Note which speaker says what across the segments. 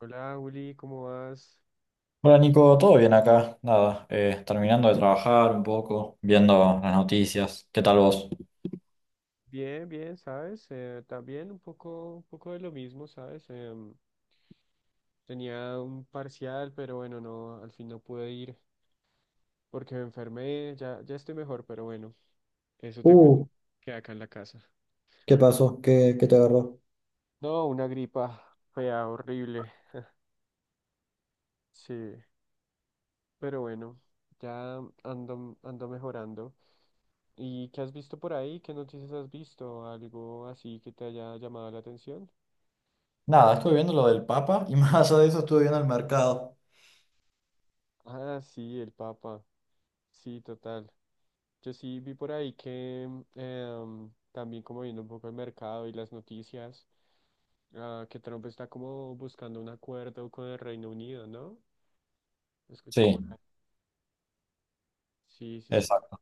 Speaker 1: Hola, Juli, ¿cómo vas?
Speaker 2: Hola Nico, ¿todo bien acá? Nada, terminando de trabajar un poco, viendo las noticias. ¿Qué tal vos?
Speaker 1: Bien, bien, ¿sabes? También un poco de lo mismo, ¿sabes? Tenía un parcial, pero bueno, no, al fin no pude ir porque me enfermé, ya estoy mejor, pero bueno, eso te cuento,
Speaker 2: Uh,
Speaker 1: que acá en la casa.
Speaker 2: ¿Qué pasó? ¿Qué te agarró?
Speaker 1: No, una gripa fea, horrible, sí, pero bueno, ya ando mejorando. ¿Y qué has visto por ahí? ¿Qué noticias has visto? ¿Algo así que te haya llamado la atención?
Speaker 2: Nada, estuve viendo lo del Papa y más allá de eso estuve viendo el mercado.
Speaker 1: Ah, sí, el Papa. Sí, total. Yo sí vi por ahí que también como viendo un poco el mercado y las noticias, ah, que Trump está como buscando un acuerdo con el Reino Unido, ¿no? Escuché por ahí.
Speaker 2: Sí,
Speaker 1: Sí, sí, sí.
Speaker 2: exacto.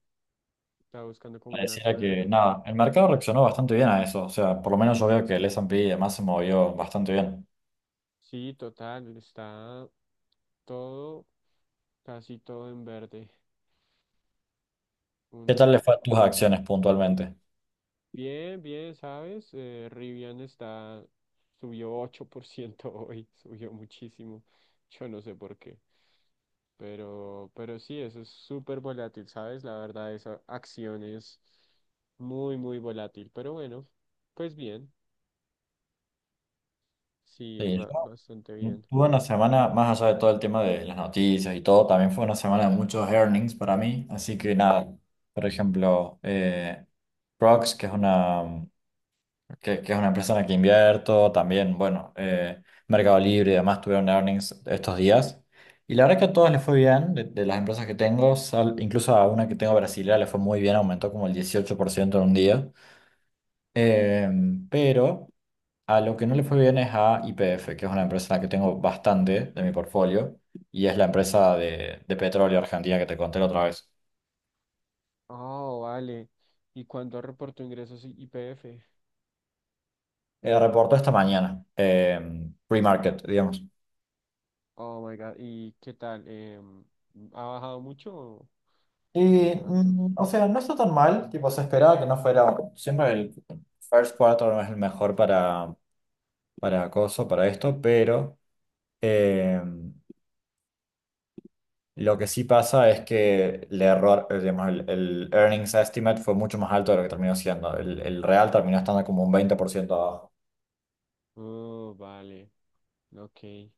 Speaker 1: Está buscando como un
Speaker 2: Pareciera que,
Speaker 1: acuerdo.
Speaker 2: nada, el mercado reaccionó bastante bien a eso. O sea, por lo menos yo veo que el S&P y demás se movió bastante bien.
Speaker 1: Sí, total. Está todo, casi todo en verde.
Speaker 2: ¿Qué
Speaker 1: Uno,
Speaker 2: tal le fue a tus acciones puntualmente?
Speaker 1: bien, bien, ¿sabes? Rivian subió 8% hoy, subió muchísimo. Yo no sé por qué. Pero sí, eso es súper volátil, ¿sabes? La verdad, esa acción es muy, muy volátil. Pero bueno, pues bien, sí,
Speaker 2: Sí,
Speaker 1: va bastante bien.
Speaker 2: tuve una semana, más allá de todo el tema de las noticias y todo, también fue una semana de muchos earnings para mí. Así que nada, por ejemplo, Prox, que es una empresa en la que invierto, también, bueno, Mercado Libre y demás tuvieron earnings estos días. Y la verdad que a todas les fue bien, de las empresas que tengo, incluso a una que tengo brasileña le fue muy bien, aumentó como el 18% en un día. Pero a lo que no le fue bien es a YPF, que es una empresa en la que tengo bastante de mi portfolio y es la empresa de petróleo argentina que te conté la otra vez.
Speaker 1: Oh, vale. ¿Y cuánto reportó ingresos IPF?
Speaker 2: Reportó esta mañana, pre-market, digamos.
Speaker 1: Oh my God. ¿Y qué tal? ¿Ha bajado mucho o
Speaker 2: Y,
Speaker 1: no tanto?
Speaker 2: mm, o sea, no está tan mal, tipo, se esperaba que no fuera. Siempre el first quarter no es el mejor para acoso, para esto, pero. eh, Lo que sí pasa es que el error, digamos, el earnings estimate fue mucho más alto de lo que terminó siendo. El real terminó estando como un 20% abajo.
Speaker 1: Oh, vale. Ok.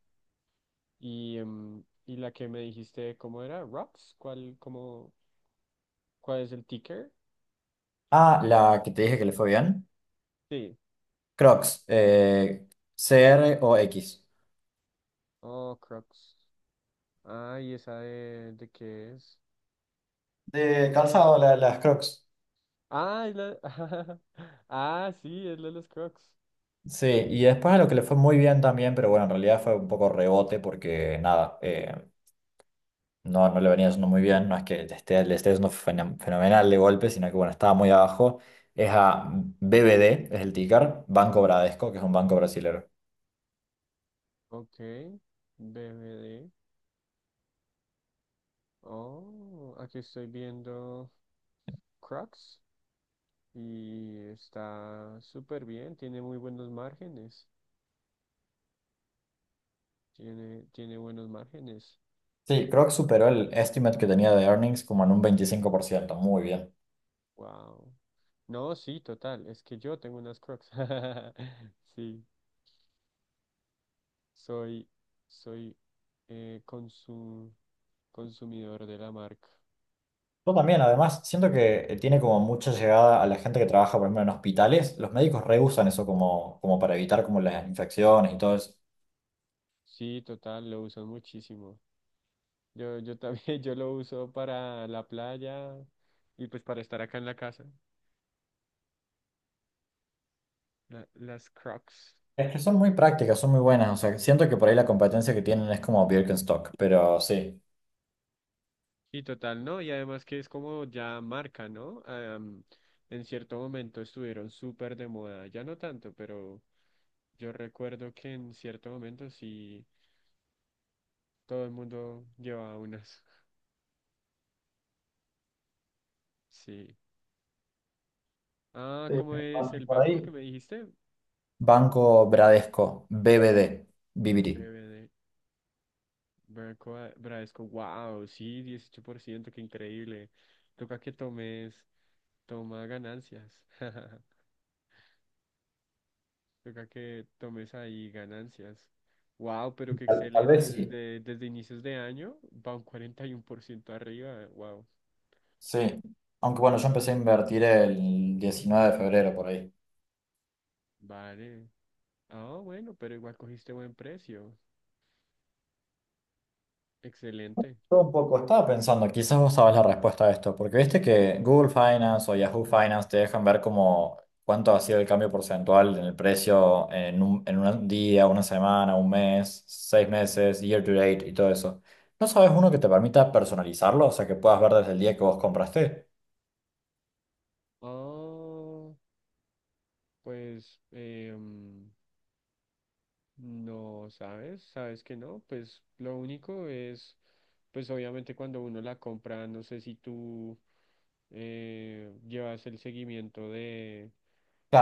Speaker 1: ¿Y, y la que me dijiste, cómo era? ¿Rocks? ¿Cuál es el ticker?
Speaker 2: Ah, la que te dije que le fue bien.
Speaker 1: Sí.
Speaker 2: Crocs, CROX.
Speaker 1: Oh, Crocs. Ah, ¿y esa de qué es?
Speaker 2: De calzado, las Crocs.
Speaker 1: Ah, es la. Ah, sí, es la de los Crocs.
Speaker 2: Sí, y después a lo que le fue muy bien también, pero bueno, en realidad fue un poco rebote porque nada, No, no le venía haciendo muy bien, no es que le esté haciendo fenomenal fenomenal de golpe, sino que bueno, estaba muy abajo. Es a BBD, es el ticker, Banco Bradesco, que es un banco brasilero.
Speaker 1: Ok, DVD. Oh, aquí estoy viendo Crocs y está súper bien, tiene muy buenos márgenes. Tiene buenos márgenes.
Speaker 2: Sí, creo que superó el estimate que tenía de earnings como en un 25% muy bien.
Speaker 1: Wow. No, sí, total, es que yo tengo unas Crocs. Sí, soy, soy eh, consum- consumidor de la marca.
Speaker 2: Yo también, además, siento que tiene como mucha llegada a la gente que trabaja, por ejemplo, en hospitales. Los médicos reusan eso como, como para evitar como las infecciones y todo eso.
Speaker 1: Sí, total, lo usan muchísimo. Yo también, yo lo uso para la playa y pues para estar acá en la casa. Las Crocs.
Speaker 2: Es que son muy prácticas, son muy buenas, o sea, siento que por ahí la competencia que tienen es como Birkenstock, pero sí.
Speaker 1: Sí, total, ¿no? Y además que es como ya marca, ¿no? En cierto momento estuvieron súper de moda, ya no tanto, pero yo recuerdo que en cierto momento sí, todo el mundo llevaba unas. Sí. Ah,
Speaker 2: Sí,
Speaker 1: ¿cómo es
Speaker 2: y
Speaker 1: el
Speaker 2: por
Speaker 1: banco que
Speaker 2: ahí,
Speaker 1: me dijiste?
Speaker 2: Banco Bradesco, BBD, BBD.
Speaker 1: BBD. Bradesco, wow, sí, 18%, qué increíble. Toca que tomes, toma ganancias. Toca que tomes ahí ganancias. Wow, pero qué
Speaker 2: Tal, tal
Speaker 1: excelente.
Speaker 2: vez sí.
Speaker 1: Desde inicios de año va un 41% arriba. Wow,
Speaker 2: Sí. Aunque bueno, yo empecé a invertir el 19 de febrero por ahí.
Speaker 1: vale. Ah, bueno, pero igual cogiste buen precio. Excelente.
Speaker 2: Todo un poco. Estaba pensando, quizás vos sabés la respuesta a esto, porque viste que Google Finance o Yahoo Finance te dejan ver como cuánto ha sido el cambio porcentual en el precio en un, día, una semana, un mes, 6 meses, year to date y todo eso. ¿No sabes uno que te permita personalizarlo? O sea, que puedas ver desde el día que vos compraste.
Speaker 1: Oh, pues. No, ¿sabes? ¿Sabes que no? Pues lo único es, pues obviamente cuando uno la compra, no sé si tú llevas el seguimiento de,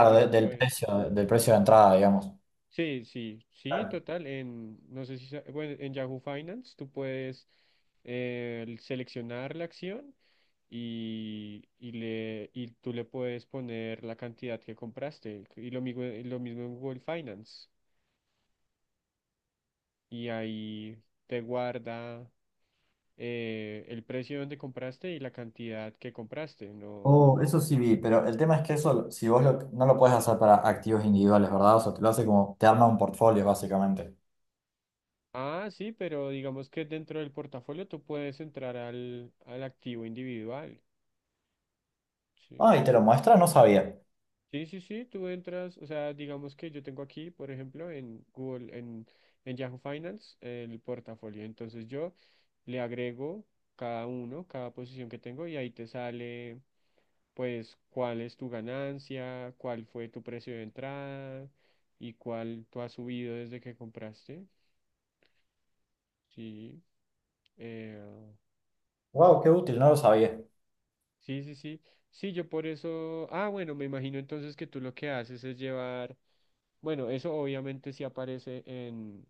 Speaker 1: por ejemplo,
Speaker 2: del precio de entrada, digamos.
Speaker 1: sí, sí, sí,
Speaker 2: Claro.
Speaker 1: total, en, no sé si, bueno, en Yahoo Finance tú puedes el seleccionar la acción y, y tú le puedes poner la cantidad que compraste. Y lo mismo en Google Finance. Y ahí te guarda. El precio donde compraste y la cantidad que compraste, ¿no?
Speaker 2: Oh, eso sí vi, pero el tema es que eso, si vos no lo puedes hacer para activos individuales, ¿verdad? O sea, te lo hace como, te arma un portfolio, básicamente.
Speaker 1: Ah, sí, pero digamos que dentro del portafolio tú puedes entrar al activo individual, ¿sí?
Speaker 2: Ah, y te lo muestra, no sabía.
Speaker 1: Sí, sí, sí, tú entras, o sea, digamos que yo tengo aquí, por ejemplo, en Google, en Yahoo Finance, el portafolio. Entonces yo le agrego cada uno, cada posición que tengo y ahí te sale. Pues cuál es tu ganancia, cuál fue tu precio de entrada y cuál tú has subido desde que compraste. Sí, eh,
Speaker 2: Wow, qué útil, no lo sabía.
Speaker 1: sí, sí, sí. Sí, yo por eso, ah, bueno, me imagino entonces que tú lo que haces es llevar, bueno, eso obviamente sí aparece en,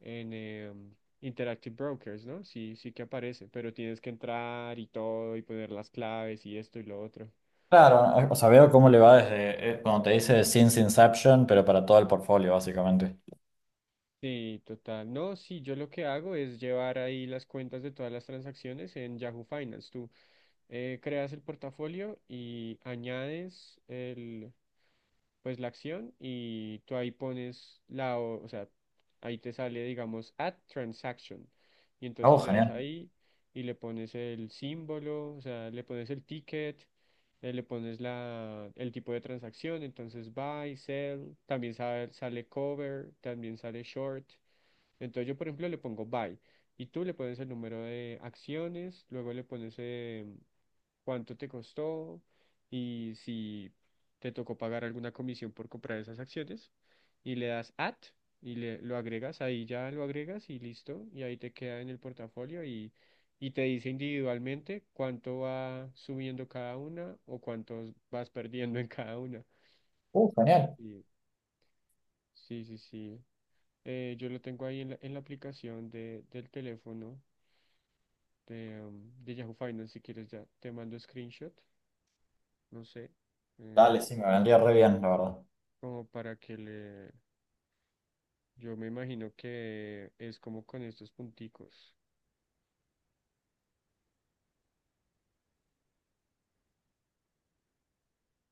Speaker 1: en em, Interactive Brokers, ¿no? Sí, sí que aparece, pero tienes que entrar y todo y poner las claves y esto y lo otro.
Speaker 2: Claro, o sea, veo cómo le va desde, cuando te dice Since Inception, pero para todo el portfolio, básicamente.
Speaker 1: Sí, total. No, sí, yo lo que hago es llevar ahí las cuentas de todas las transacciones en Yahoo Finance. Tú creas el portafolio y añades pues la acción y tú ahí pones o sea, ahí te sale, digamos, add transaction. Y entonces
Speaker 2: Oh,
Speaker 1: tú le das
Speaker 2: genial.
Speaker 1: ahí y le pones el símbolo, o sea, le pones el ticket, le pones el tipo de transacción, entonces buy, sell, también sale cover, también sale short. Entonces yo, por ejemplo, le pongo buy y tú le pones el número de acciones, luego le pones cuánto te costó y si te tocó pagar alguna comisión por comprar esas acciones y le das add y lo agregas, ahí ya lo agregas y listo y ahí te queda en el portafolio y te dice individualmente cuánto va subiendo cada una o cuánto vas perdiendo en cada una.
Speaker 2: Genial.
Speaker 1: Y Sí, sí, sí. Yo lo tengo ahí en la aplicación del teléfono. De Yahoo Finance, si quieres ya te mando screenshot, no sé, eh,
Speaker 2: Dale, sí, me vendría re bien, la verdad.
Speaker 1: como para que yo me imagino que es como con estos punticos,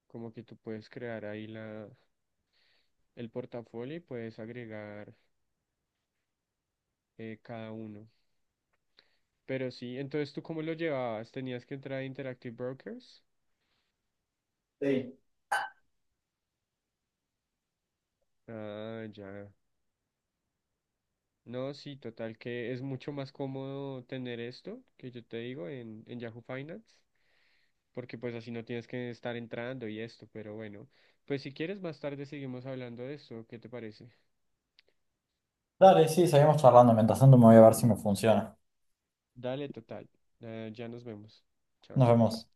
Speaker 1: como que tú puedes crear ahí el portafolio y puedes agregar cada uno. Pero sí, entonces tú cómo lo llevabas, tenías que entrar a Interactive Brokers.
Speaker 2: Sí.
Speaker 1: Ah, ya. No, sí, total, que es mucho más cómodo tener esto que yo te digo en, Yahoo Finance. Porque pues así no tienes que estar entrando y esto, pero bueno, pues si quieres más tarde seguimos hablando de esto, ¿qué te parece?
Speaker 2: Dale, sí, seguimos charlando. Mientras tanto me voy a ver si me funciona.
Speaker 1: Dale, total, ya nos vemos. Chao,
Speaker 2: Nos
Speaker 1: chao.
Speaker 2: vemos.